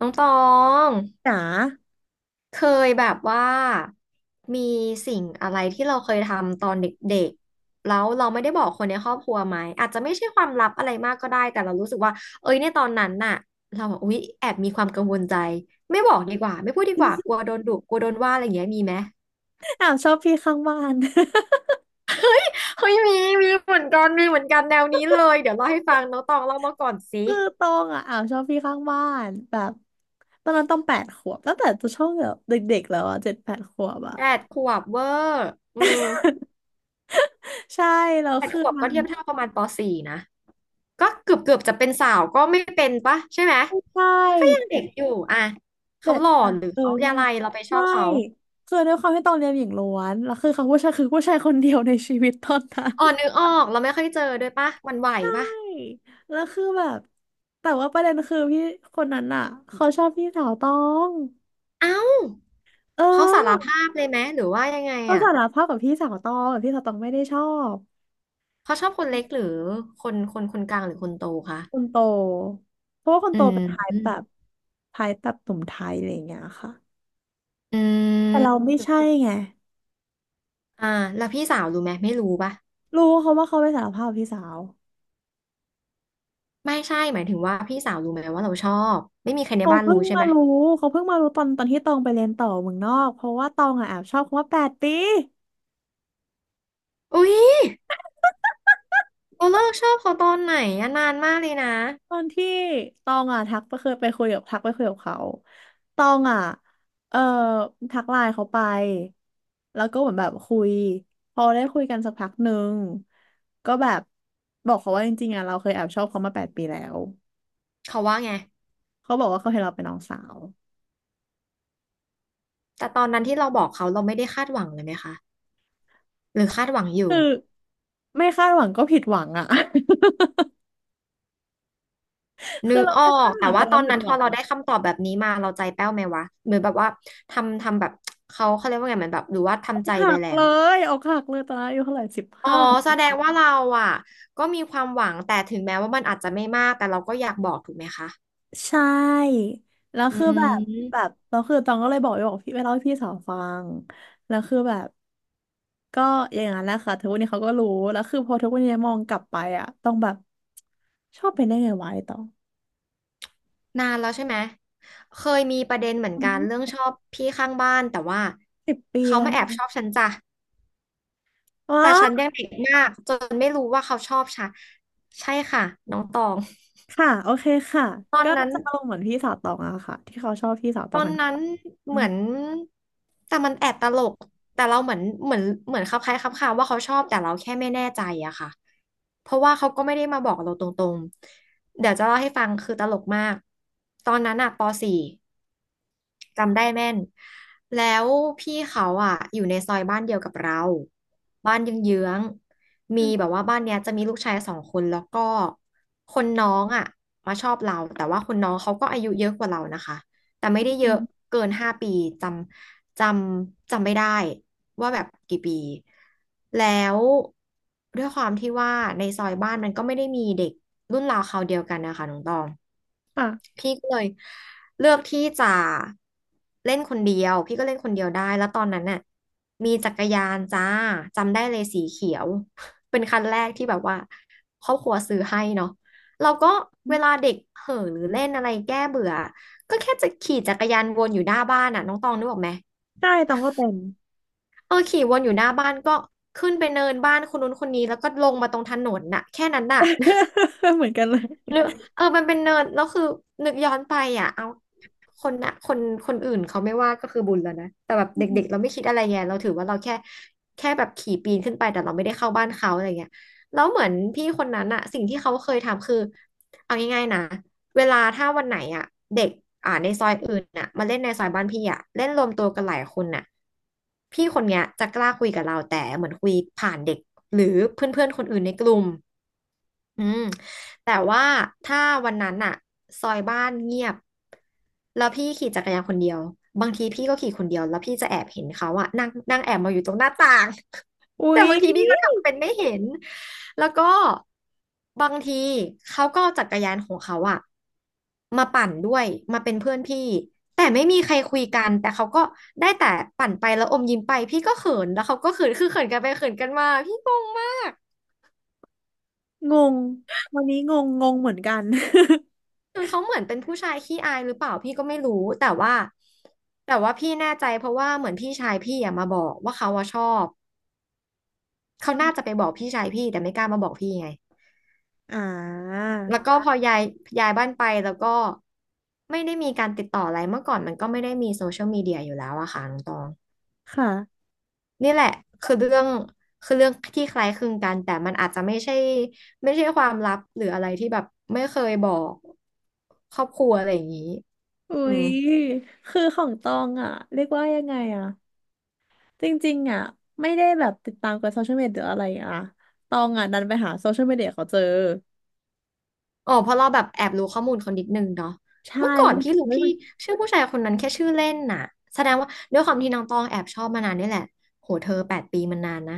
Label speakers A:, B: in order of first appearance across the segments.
A: น้องตอง
B: จ๋า
A: เคยแบบว่ามีสิ่งอะไรที่เราเคยทำตอนเด็กๆแล้วเราไม่ได้บอกคนในครอบครัวไหมอาจจะไม่ใช่ความลับอะไรมากก็ได้แต่เรารู้สึกว่าเอ้ยในตอนนั้นน่ะเราแบบอุ๊ยแอบมีความกังวลใจไม่บอกดีกว่าไม่พูดดีกว่าก ลัวโดนดุกลัวโดนว่าอะไรอย่างเงี้ยมีไหม
B: อาวชอบพี่ข้างบ้าน
A: เฮ้ยมีเหมือนกันมีเหมือนกันแนวนี้เลยเดี๋ยวเล่าให้ฟังน้องตองเล่ามาก่อนสิ
B: คือตองอ่ะอาวชอบพี่ข้างบ้านแบบตอนนั้นต้องแปดขวบตั้งแต่ตัวช่วงแบบเด็กๆแล้วอ่ะเจ็ดแปดขวบอ่ะ
A: แปดขวบเวอร์อืม
B: ใช่แล้ว
A: แปด
B: คือ
A: ขวบก็เทียบเท่าประมาณปสี่นะ ก็เกือบเกือบจะเป็นสาวก็ไม่เป็นปะใช่ไหม
B: ใช
A: มันก็ยัง
B: ่
A: เด็กอยู่อ่ะ
B: เจ็
A: เขา
B: ด
A: หล่อ
B: แปด
A: หรือ
B: เออ
A: เขา
B: ใช่
A: อะไรเราไปชอบ
B: ไม่
A: เขา
B: คือด้วยความที่ตองเรียนหญิงล้วนแล้วคือเขาผู้ชายคือผู้ชายคนเดียวในชีวิตตอนนั้น
A: อ๋อ นึกออกเราไม่ค่อยเจอด้วยปะหวันไหว
B: ใช่
A: ปะ
B: แล้วคือแบบแต่ว่าประเด็นคือพี่คนนั้นอ่ะเขาชอบพี่สาวตอง
A: เอ้า
B: เ
A: เขาสาร
B: ออ
A: ภาพเลยไหมหรือว่ายังไง
B: เขา
A: อ่ะ
B: สารภาพกับพี่สาวตองแต่พี่สาวตองไม่ได้ชอบ
A: เขาชอบคนเล็กหรือคนกลางหรือคนโตคะ
B: คนโตเพราะว่าคน
A: อื
B: โตเป็นไทป์แบ
A: ม
B: บไทป์แบบหนุ่มไทยอะไรอย่างเงี้ยค่ะ
A: อื
B: แต่เรา
A: ม
B: ไม่ใช่ไง
A: อ่าแล้วพี่สาวรู้ไหมไม่รู้ปะ
B: รู้เขาว่าเขาไปสารภาพกับพี่สาว
A: ไม่ใช่หมายถึงว่าพี่สาวรู้ไหมว่าเราชอบไม่มีใครใน
B: เขา
A: บ้าน
B: เพิ่
A: รู้
B: ง
A: ใช่
B: มา
A: ไหม
B: รู้เขาเพิ่งมารู้ตอนที่ตองไปเรียนต่อเมืองนอกเพราะว่าตองอ่ะแอบชอบคำว่าแปดปี
A: อุ๊ยเราเลิกชอบเขาตอนไหนอะนานมากเลยนะ
B: ตอนที่ตองอ่ะทักไปเคยไปคุยกับทักไปคุยกับเขาตองอ่ะเอ่อทักไลน์เขาไปแล้วก็เหมือนแบบคุยพอได้คุยกันสักพักหนึ่งก็แบบบอกเขาว่าจริงๆอ่ะเราเคยแอบชอบเขามาแปดปีแล้ว
A: เขาว่าไง
B: เขาบอกว่าเขาเห็นเราเป็นน้องสาว
A: แต่ตอนนั้นที่เราบอกเขาเราไม่ได้คาดหวังเลยไหมคะหรือคาดหวังอยู่
B: คือไม่คาดหวังก็ผิดหวังอ่ะ
A: นึ
B: คือ
A: ก
B: เรา
A: ออ
B: ไม่คา
A: ก
B: ดห
A: แต่
B: วังแต่
A: ว่าต
B: เรา
A: อน
B: ผิด
A: นั้น
B: ห
A: พ
B: วั
A: อ
B: ง
A: เรา
B: อ่ะ
A: ได้คำตอบแบบนี้มาเราใจแป้วไหมวะเหมือนแบบว่าทำแบบเขาเรียกว่าไงเหมือนแบบหรือว่าทำใจ
B: หั
A: ไป
B: ก
A: แล้
B: เล
A: ว
B: ยอกหักเลยตอนนั้นอายุเท่าไหร่สิบ
A: อ๋อ
B: ห้า
A: แสดงว่าเราอ่ะก็มีความหวังแต่ถึงแม้ว่ามันอาจจะไม่มากแต่เราก็อยากบอกถูกไหมคะ
B: ใช่ แล้ว
A: อื
B: คือแบบแบบ
A: ม
B: แล้วคือตองก็เลยบอกไปบอกพี่ไปเล่าให้พี่สาวฟังแล้วคือแบบก็อย่างนั้นแหละค่ะทุกวันนี้เขาก็รู้แล้วคือพอทุกวันนี้มองกลับไปอะต้องแบบชอบเป็นได้ไงวะไอ้ตอง
A: นานแล้วใช่ไหมเคยมีประเด็นเหมือน
B: อื
A: กัน
B: ม
A: เรื่องชอบพี่ข้างบ้านแต่ว่า
B: สิบปี
A: เขา
B: แล้ว
A: มาแอ
B: เนี่ย
A: บชอบฉันจ้ะ
B: ว้า
A: แต่ฉันยังเด็กมากจนไม่รู้ว่าเขาชอบฉันใช่ค่ะน้องตอง
B: ค่ะโอเคค่ะ
A: ตอน
B: ก็
A: นั้น
B: จะลงเหมือนพี่สาวตองอะค่ะที่เขาชอบพี่สาวต
A: ต
B: อง
A: อน
B: กัน
A: นั้น
B: อื
A: เห
B: ม
A: มือนแต่มันแอบตลกแต่เราเหมือนคลับคล้ายคลับคาว่าเขาชอบแต่เราแค่ไม่แน่ใจอะค่ะเพราะว่าเขาก็ไม่ได้มาบอกเราตรงๆเดี๋ยวจะเล่าให้ฟังคือตลกมากตอนนั้นอะปสี่จำได้แม่นแล้วพี่เขาอะอยู่ในซอยบ้านเดียวกับเราบ้านเยื้องๆ
B: อื
A: มี
B: ม
A: แบบว่าบ้านเนี้ยจะมีลูกชาย2 คนแล้วก็คนน้องอะมาชอบเราแต่ว่าคนน้องเขาก็อายุเยอะกว่าเรานะคะ แต่ไม่ได้เย
B: อื
A: อะ
B: ม
A: เกิน5 ปีจำจจำไม่ได้ว่าแบบกี่ปีแล้วด้วยความที่ว่าในซอยบ้านมันก็ไม่ได้มีเด็กรุ่นราวคราวเดียวกันนะคะน้องตอง
B: ค่ะ
A: พี่ก็เลยเลือกที่จะเล่นคนเดียวพี่ก็เล่นคนเดียวได้แล้วตอนนั้นน่ะมีจักรยานจ้าจำได้เลยสีเขียว เป็นคันแรกที่แบบว่าครอบครัวซื้อให้เนาะเราก็เวลาเด็กเห่อหรือเล่นอะไรแก้เบื่อก็แค่จะขี่จักรยานวนอยู่หน้าบ้านน่ะน้องตองนึกออกไหม
B: ใช่ตองก็เป็น
A: เออขี่วนอยู่หน้าบ้านก็ขึ้นไปเนินบ้านคนนู้นคนนี้แล้วก็ลงมาตรงถนนน่ะแค่นั้นน่ะ
B: เหมือนกันเลย
A: หรือเออมันเป็นเนิร์ดแล้วคือนึกย้อนไปอ่ะเอาคนนะคนคนอื่นเขาไม่ว่าก็คือบุญแล้วนะแต่แบบเด็กๆเราไม่คิดอะไรไงเราถือว่าเราแค่แบบขี่ปีนขึ้นไปแต่เราไม่ได้เข้าบ้านเขาอะไรเงี้ยแล้วเหมือนพี่คนนั้นอ่ะสิ่งที่เขาเคยทำคือเอาง่ายๆนะเวลาถ้าวันไหนอ่ะเด็กในซอยอื่นน่ะมาเล่นในซอยบ้านพี่อ่ะเล่นรวมตัวกันหลายคนน่ะพี่คนเนี้ยจะกล้าคุยกับเราแต่เหมือนคุยผ่านเด็กหรือเพื่อนๆคนอื่นในกลุ่ม อืมแต่ว่าถ้าวันนั้นอะซอยบ้านเงียบแล้วพี่ขี่จักรยานคนเดียวบางทีพี่ก็ขี่คนเดียวแล้วพี่จะแอบเห็นเขาอะนั่งนั่งแอบมาอยู่ตรงหน้าต่าง
B: อุ๊
A: แต่
B: ย
A: บางทีพี่ก็ทำเป็นไม่เห็นแล้วก็บางทีเขาก็เอาจักรยานของเขาอะมาปั่นด้วยมาเป็นเพื่อนพี่แต่ไม่มีใครคุยกันแต่เขาก็ได้แต่ปั่นไปแล้วอมยิ้มไปพี่ก็เขินแล้วเขาก็เขินคือเขินกันไปเขินกันมาพี่งงมาก
B: งงวันนี้งงงงเหมือนกัน
A: คือเขาเหมือนเป็นผู้ชายขี้อายหรือเปล่าพี่ก็ไม่รู้แต่ว่าแต่ว่าพี่แน่ใจเพราะว่าเหมือนพี่ชายพี่อะมาบอกว่าเขาอะชอบเขาน่าจะไปบอกพี่ชายพี่แต่ไม่กล้ามาบอกพี่ไง
B: อ่า
A: แล้วก็พอย้ายบ้านไปแล้วก็ไม่ได้มีการติดต่ออะไรเมื่อก่อนมันก็ไม่ได้มีโซเชียลมีเดียอยู่แล้วอะค่ะน้องตอง
B: ค่ะ
A: นี่แหละคือเรื่องคือเรื่องที่คล้ายคลึงกันแต่มันอาจจะไม่ใช่ความลับหรืออะไรที่แบบไม่เคยบอกครอบครัวอะไรอย่างนี้
B: อุ๊
A: อืม
B: ยคือของตองอ่ะเรียกว่ายังไงอ่ะจริงๆอ่ะไม่ได้แบบติดตามกับโซเชียลมีเดียหรืออะไรอ่ะตองอ่ะดันไปหาโซเชียลมีเดียเขาเจอ
A: อ๋อเพราะเราแบบแอบรู้ข้อมูลเขานิดนึงเนาะ
B: ใช่
A: เมื่อก่อ
B: ไป
A: นพี่รู้พี่
B: หา
A: ชื่อผู้ชายคนนั้นแค่ชื่อเล่นน่ะแสดงว่าด้วยความที่น้องตองแอบชอบมานานนี่แหละโหเธอแปดปีมันนานนะ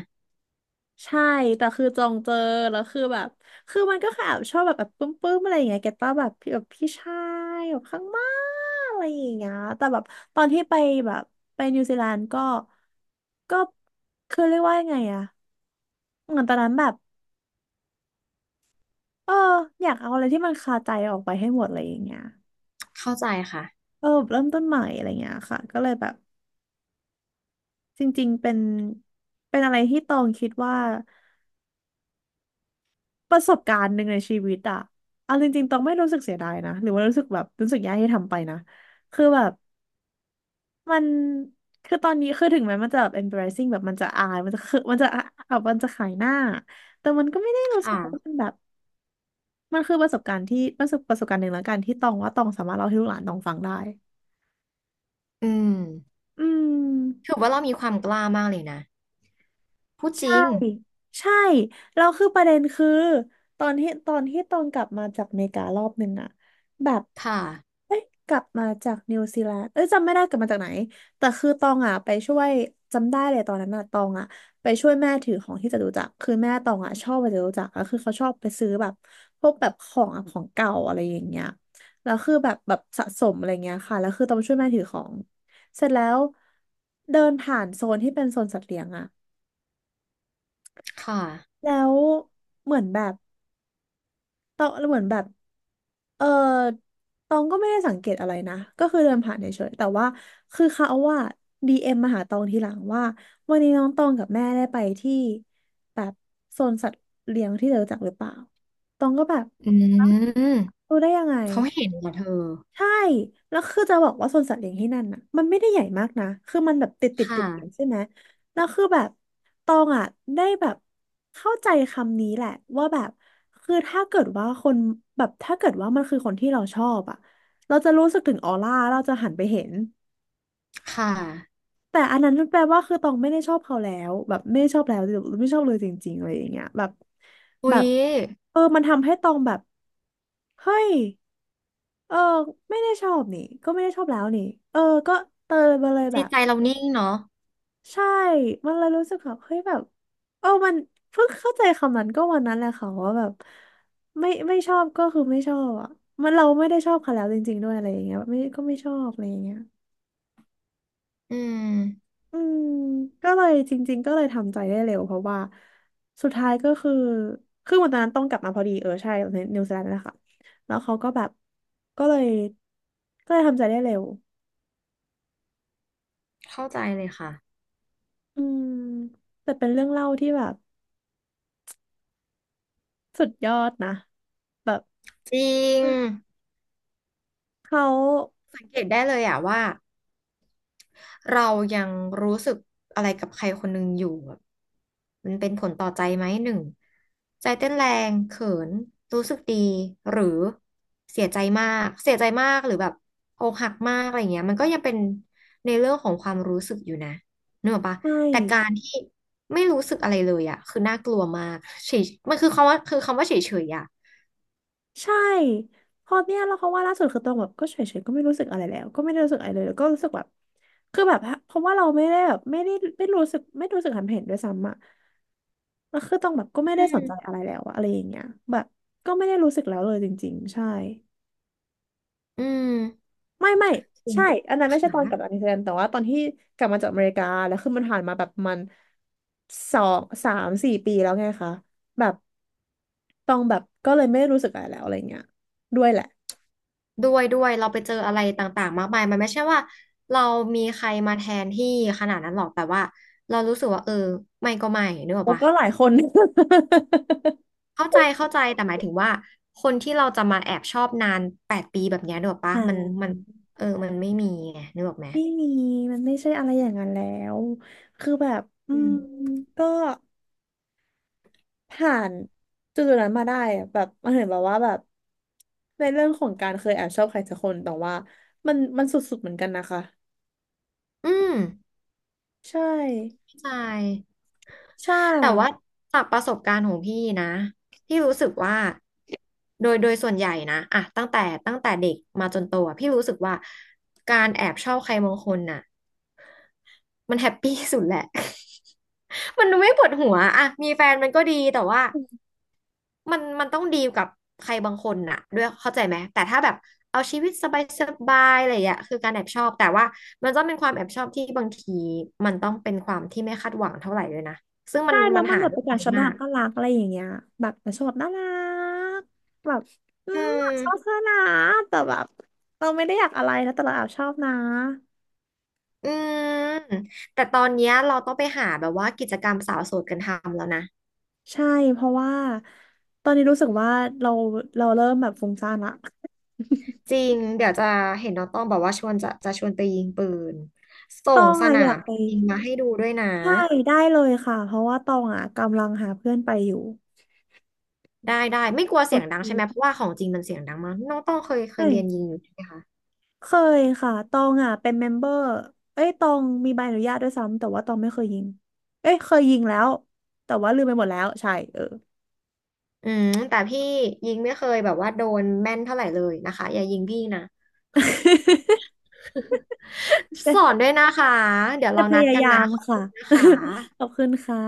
B: ใช่ แต่คือจองเจอ แล้วคือแบบ คือมันก็คอบชอบแบบแบบปื้มๆอะไรอย่างเงี้ยแกต้าแบบพี่แบบพี่ชายแบบข้างมากอะไรอย่างเงี้ยแต่แบบตอนที่ไปแบบไปนิวซีแลนด์ก็ก็คือเรียกว่ายังไงอะเหมือนตอนนั้นแบบเอออยากเอาอะไรที่มันคาใจออกไปให้หมดอะไรอย่างเงี้ย
A: เข้าใจค่ะ
B: เออแบบเริ่มต้นใหม่อะไรอย่างเงี้ยค่ะก็เลยแบบจริงๆเป็นเป็นอะไรที่ตองคิดว่า ประสบการณ์หนึ่งในชีวิตอะเอาจริงๆต้องไม่รู้สึกเสียดายนะหรือว่ารู้สึกแบบรู้สึกแย่ที่ทำไปนะคือแบบมันคือตอนนี้คือถึงแม้มันจะแบบ embarrassing แบบมันจะอายมันจะคือมันจะแบบมันจะขายหน้า แต่มันก็ไม่ได้รู้สึก
A: ค่ะ
B: ว่ามันแบบมันคือประสบการณ์ที่ประสบประสบการณ์หนึ่งแล้วกันที่ตองว่าตองสามารถเล่าให้ลูกหลานตองฟังได้
A: อืม
B: อืม
A: ถือว่าเรามีความกล้ามากเลยนะพูดจริ
B: ใช่
A: ง
B: ใช่แล้วคือประเด็นคือตอนที่ตองกลับมาจากอเมริการอบหนึ่งอะแบบ
A: ค่ะ
B: เอ้ยกลับมาจากนิวซีแลนด์เอ้ยจำไม่ได้กลับมาจากไหนแต่คือตองอะไปช่วยจำได้เลยตอนนั้นอะตองอะไปช่วยแม่ถือของที่จตุจักรคือแม่ตองอะชอบไปจตุจักรแล้วคือเขาชอบไปซื้อแบบพวกแบบของอะของเก่าอะไรอย่างเงี้ยแล้วคือแบบแบบสะสมอะไรเงี้ยค่ะแล้วคือตองไปช่วยแม่ถือของเสร็จแล้วเดินผ่านโซนที่เป็นโซนสัตว์เลี้ยงอะ
A: ค่ะ
B: แล้วเหมือนแบบตองเหมือนแบบเออตองก็ไม่ได้สังเกตอะไรนะก็คือเดินผ่านเฉยๆแต่ว่าคือเขาว่าดีเอ็มมาหาตองทีหลังว่าวันนี้น้องตองกับแม่ได้ไปที่แบบโซนสัตว์เลี้ยงที่เธอรู้จักหรือเปล่าตองก็แบบ
A: อืม
B: รู้ได้ยังไง
A: เขาเห็นเหรอเธอ
B: ใช่แล้วคือจะบอกว่าสวนสัตว์เลี้ยงที่นั่นน่ะมันไม่ได้ใหญ่มากนะคือมันแบบติดติดติ
A: ค่ะ
B: ดกันใช่ไหมแล้วคือแบบตองอ่ะได้แบบเข้าใจคำนี้แหละว่าแบบคือถ้าเกิดว่าคนแบบถ้าเกิดว่ามันคือคนที่เราชอบอ่ะเราจะรู้สึกถึงออร่าเราจะหันไปเห็น
A: ค่ะ
B: แต่อันนั้นมันแปลว่าคือตองไม่ได้ชอบเขาแล้วแบบไม่ได้ชอบแล้วหรือไม่ชอบเลยจริงๆอะไรอย่างเงี้ยแบบ
A: อุ๊
B: แบ
A: ย
B: บเออมันทำให้ตองแบบเฮ้ย เออไม่ได้ชอบนี่ก็ไม่ได้ชอบแล้วนี่เออก็เตยมาเลยแบ
A: จิต
B: บ
A: ใจเรานิ่งเนาะ
B: ใช่มันเลยรู้สึกแบบเฮ้ยแบบมันเพิ่งเข้าใจคำนั้นก็วันนั้นแหละค่ะว่าแบบไม่ชอบก็คือไม่ชอบอ่ะมันเราไม่ได้ชอบเขาแล้วจริงๆด้วยอะไรอย่างเงี้ยแบบไม่ก็ไม่ชอบอะไรอย่างเงี้ย
A: อืม
B: อืมก็เลยจริงๆก็เลยทำใจได้เร็วเพราะว่าสุดท้ายก็คือคือวันนั้นต้องกลับมาพอดีใช่ในนิวซีแลนด์นั่นแหละค่ะแล้วเขาก็แบบก็เลยก็เลยทำใจได้เร็ว
A: เข้าใจเลยค่ะ
B: อืมแต่เป็นเรื่องเล่าที่แบบสุดยอดนะแบบ
A: จริง
B: เขา
A: สังเกตได้เลยอะว่า เรายังรู้สึกอะไรกับใครคนหนึ่งอยู่แบบมันเป็นผลต่อใจไหมหนึ่งใจเต้นแรงเขินรู้สึกดีหรือเสียใจมากเสียใจมากหรือแบบอกหักมากอะไรเงี้ยมันก็ยังเป็นในเรื่องของความรู้สึกอยู่นะนึกออกปะ
B: ใช่
A: แต่การที่ไม่รู้สึกอะไรเลยอะคือน่ากลัวมากเฉยมันคือคำว่าเฉยๆอะ
B: ใช่พอเนี่ยแล้วเขาว่าล่าสุดคือตองแบบก็เฉยๆก็ไม่รู้สึกอะไรแล้วก็ไม่ได้รู้สึกอะไรเลยแล้วก็รู้สึกแบบคือแบบเพราะว่าเราไม่ได้แบบไม่รู้สึกหันเห็นด้วยซ้ำอะแล้วคือตองแบบก็ไม่
A: อื
B: ได้สนใจ
A: ม
B: อะไรแล้วอะอะไรอย่างเงี้ยแบบก็ไม่ได้รู้สึกแล้วเลยจริงๆใช่
A: อืม
B: ไม่ใช่อันนั้นไม่ใช่
A: ค
B: ตอนกลับจาก
A: ่ะ
B: นิวซีแลนด์แต่ว่าตอนที่กลับมาจากอเมริกาแล้วคือมันผ่านมาแบบประมันสองสามสี่ปีแล้วไงคะแบบตองแบบก็เลยไม่รู้สึกอะไรแล้วอะไรเงี้ยด้วยแหละ
A: ด้วยด้วยเราไปเจออะไรต่างๆมากมายมันไม่ใช่ว่าเรามีใครมาแทนที่ขนาดนั้นหรอกแต่ว่าเรารู้สึกว่าเออไม่ก็ไม่นึกออก
B: โอ้
A: ปะ
B: ก็หลายคน
A: เข้าใจเข้าใจแต่หมายถึงว่าคนที่เราจะมาแอบชอบนานแปดปีแบบเนี้ยนึกออก ปะ
B: อ่า
A: มันมันเออมันไม่มีไงนึกออกไหม
B: ไม่มีมันไม่ใช่อะไรอย่างนั้นแล้วคือแบบอื
A: อื
B: ม
A: ม
B: ก็ผ่านจุดๆนั้นมาได้อะแบบมันเห็นแบบว่าแบบในเรื่องของการเคยแอบชอบใครสักคนแต่ว่ามันสุดๆเหมือนกันนะคะ
A: อืม
B: ใช่
A: เข้าใจ
B: ใช่
A: แต่ว่าจากประสบการณ์ของพี่นะพี่รู้สึกว่าโดยส่วนใหญ่นะอะตั้งแต่เด็กมาจนโตอะพี่รู้สึกว่าการแอบชอบใครบางคนน่ะ มันแฮปปี้สุดแหละ มันดูไม่ปวดหัวอะมีแฟนมันก็ดีแต่ว่ามันต้องดีลกับใครบางคนน่ะด้วยเข้าใจไหมแต่ถ้าแบบเอาชีวิตสบายสบายอะไรอย่างเงี้ยคือการแอบชอบแต่ว่ามันต้องเป็นความแอบชอบที่บางทีมันต้องเป็นความที่ไม่คาดหวังเท่าไหร่ด้วยนะซึ่งมั
B: ใช่
A: น
B: แล้
A: มั
B: ว
A: น
B: มัน
A: หา
B: แบบ
A: ได้
B: เป็น
A: น้
B: กา
A: อ
B: ร
A: ย
B: ชอบ
A: มา
B: น่ารัก
A: ก
B: น่ารักอะไรอย่างเงี้ยแบบมันชอบแบบน่ารักแบบอื
A: อื
B: ม
A: ม
B: ชอบเธอนะแต่แบบเราไม่ได้อยากอะไรนะแต่เราแอบชอบนะ
A: อืมแต่ตอนเนี้ยเราต้องไปหาแบบว่ากิจกรรมสาวโสดกันทำแล้วนะ
B: ใช่เพราะว่าตอนนี้รู้สึกว่าเราเราเริ่มแบบฟุ้งซ่านละ
A: จริง เดี๋ยวจะเห็นน้องต้องบอกว่าชวนจะชวนไปยิงปืนส่
B: ตอ
A: ง
B: ง
A: ส
B: อะ
A: นา
B: อยาก
A: ม
B: ไป
A: ยิงมาให้ดูด้วยนะ
B: ใช่ได้เลยค่ะเพราะว่าตองอะกำลังหาเพื่อนไปอยู่
A: ได้ได้ไม่กลัว
B: โอ
A: เสียงดังใช่ไหมเพราะ
B: เ
A: ว่าของจริงมันเสียงดังมากน้องต้องเคยเรียนยิ
B: ค
A: งอยู่ใช่ไหมคะ
B: เคยค่ะตองอ่ะเป็นเมมเบอร์เอ้ยตองมีใบอนุญาตด้วยซ้ำ แต่ว่าตองไม่เคยยิงเอ้ยเคยยิงแล้ว แต่ว่าลืมไปหมดแล้วใช่เออ
A: อืมแต่พี่ยิงไม่เคยแบบว่าโดนแม่นเท่าไหร่เลยนะคะอย่ายิงพี่นะ สอนด้วยนะคะเดี๋ยว
B: จะ
A: เรา
B: พ
A: นัด
B: ยา
A: กัน
B: ยา
A: นะ
B: ม
A: ขอบ
B: ค่ะ
A: คุณนะคะ
B: ขอบคุณค่ะ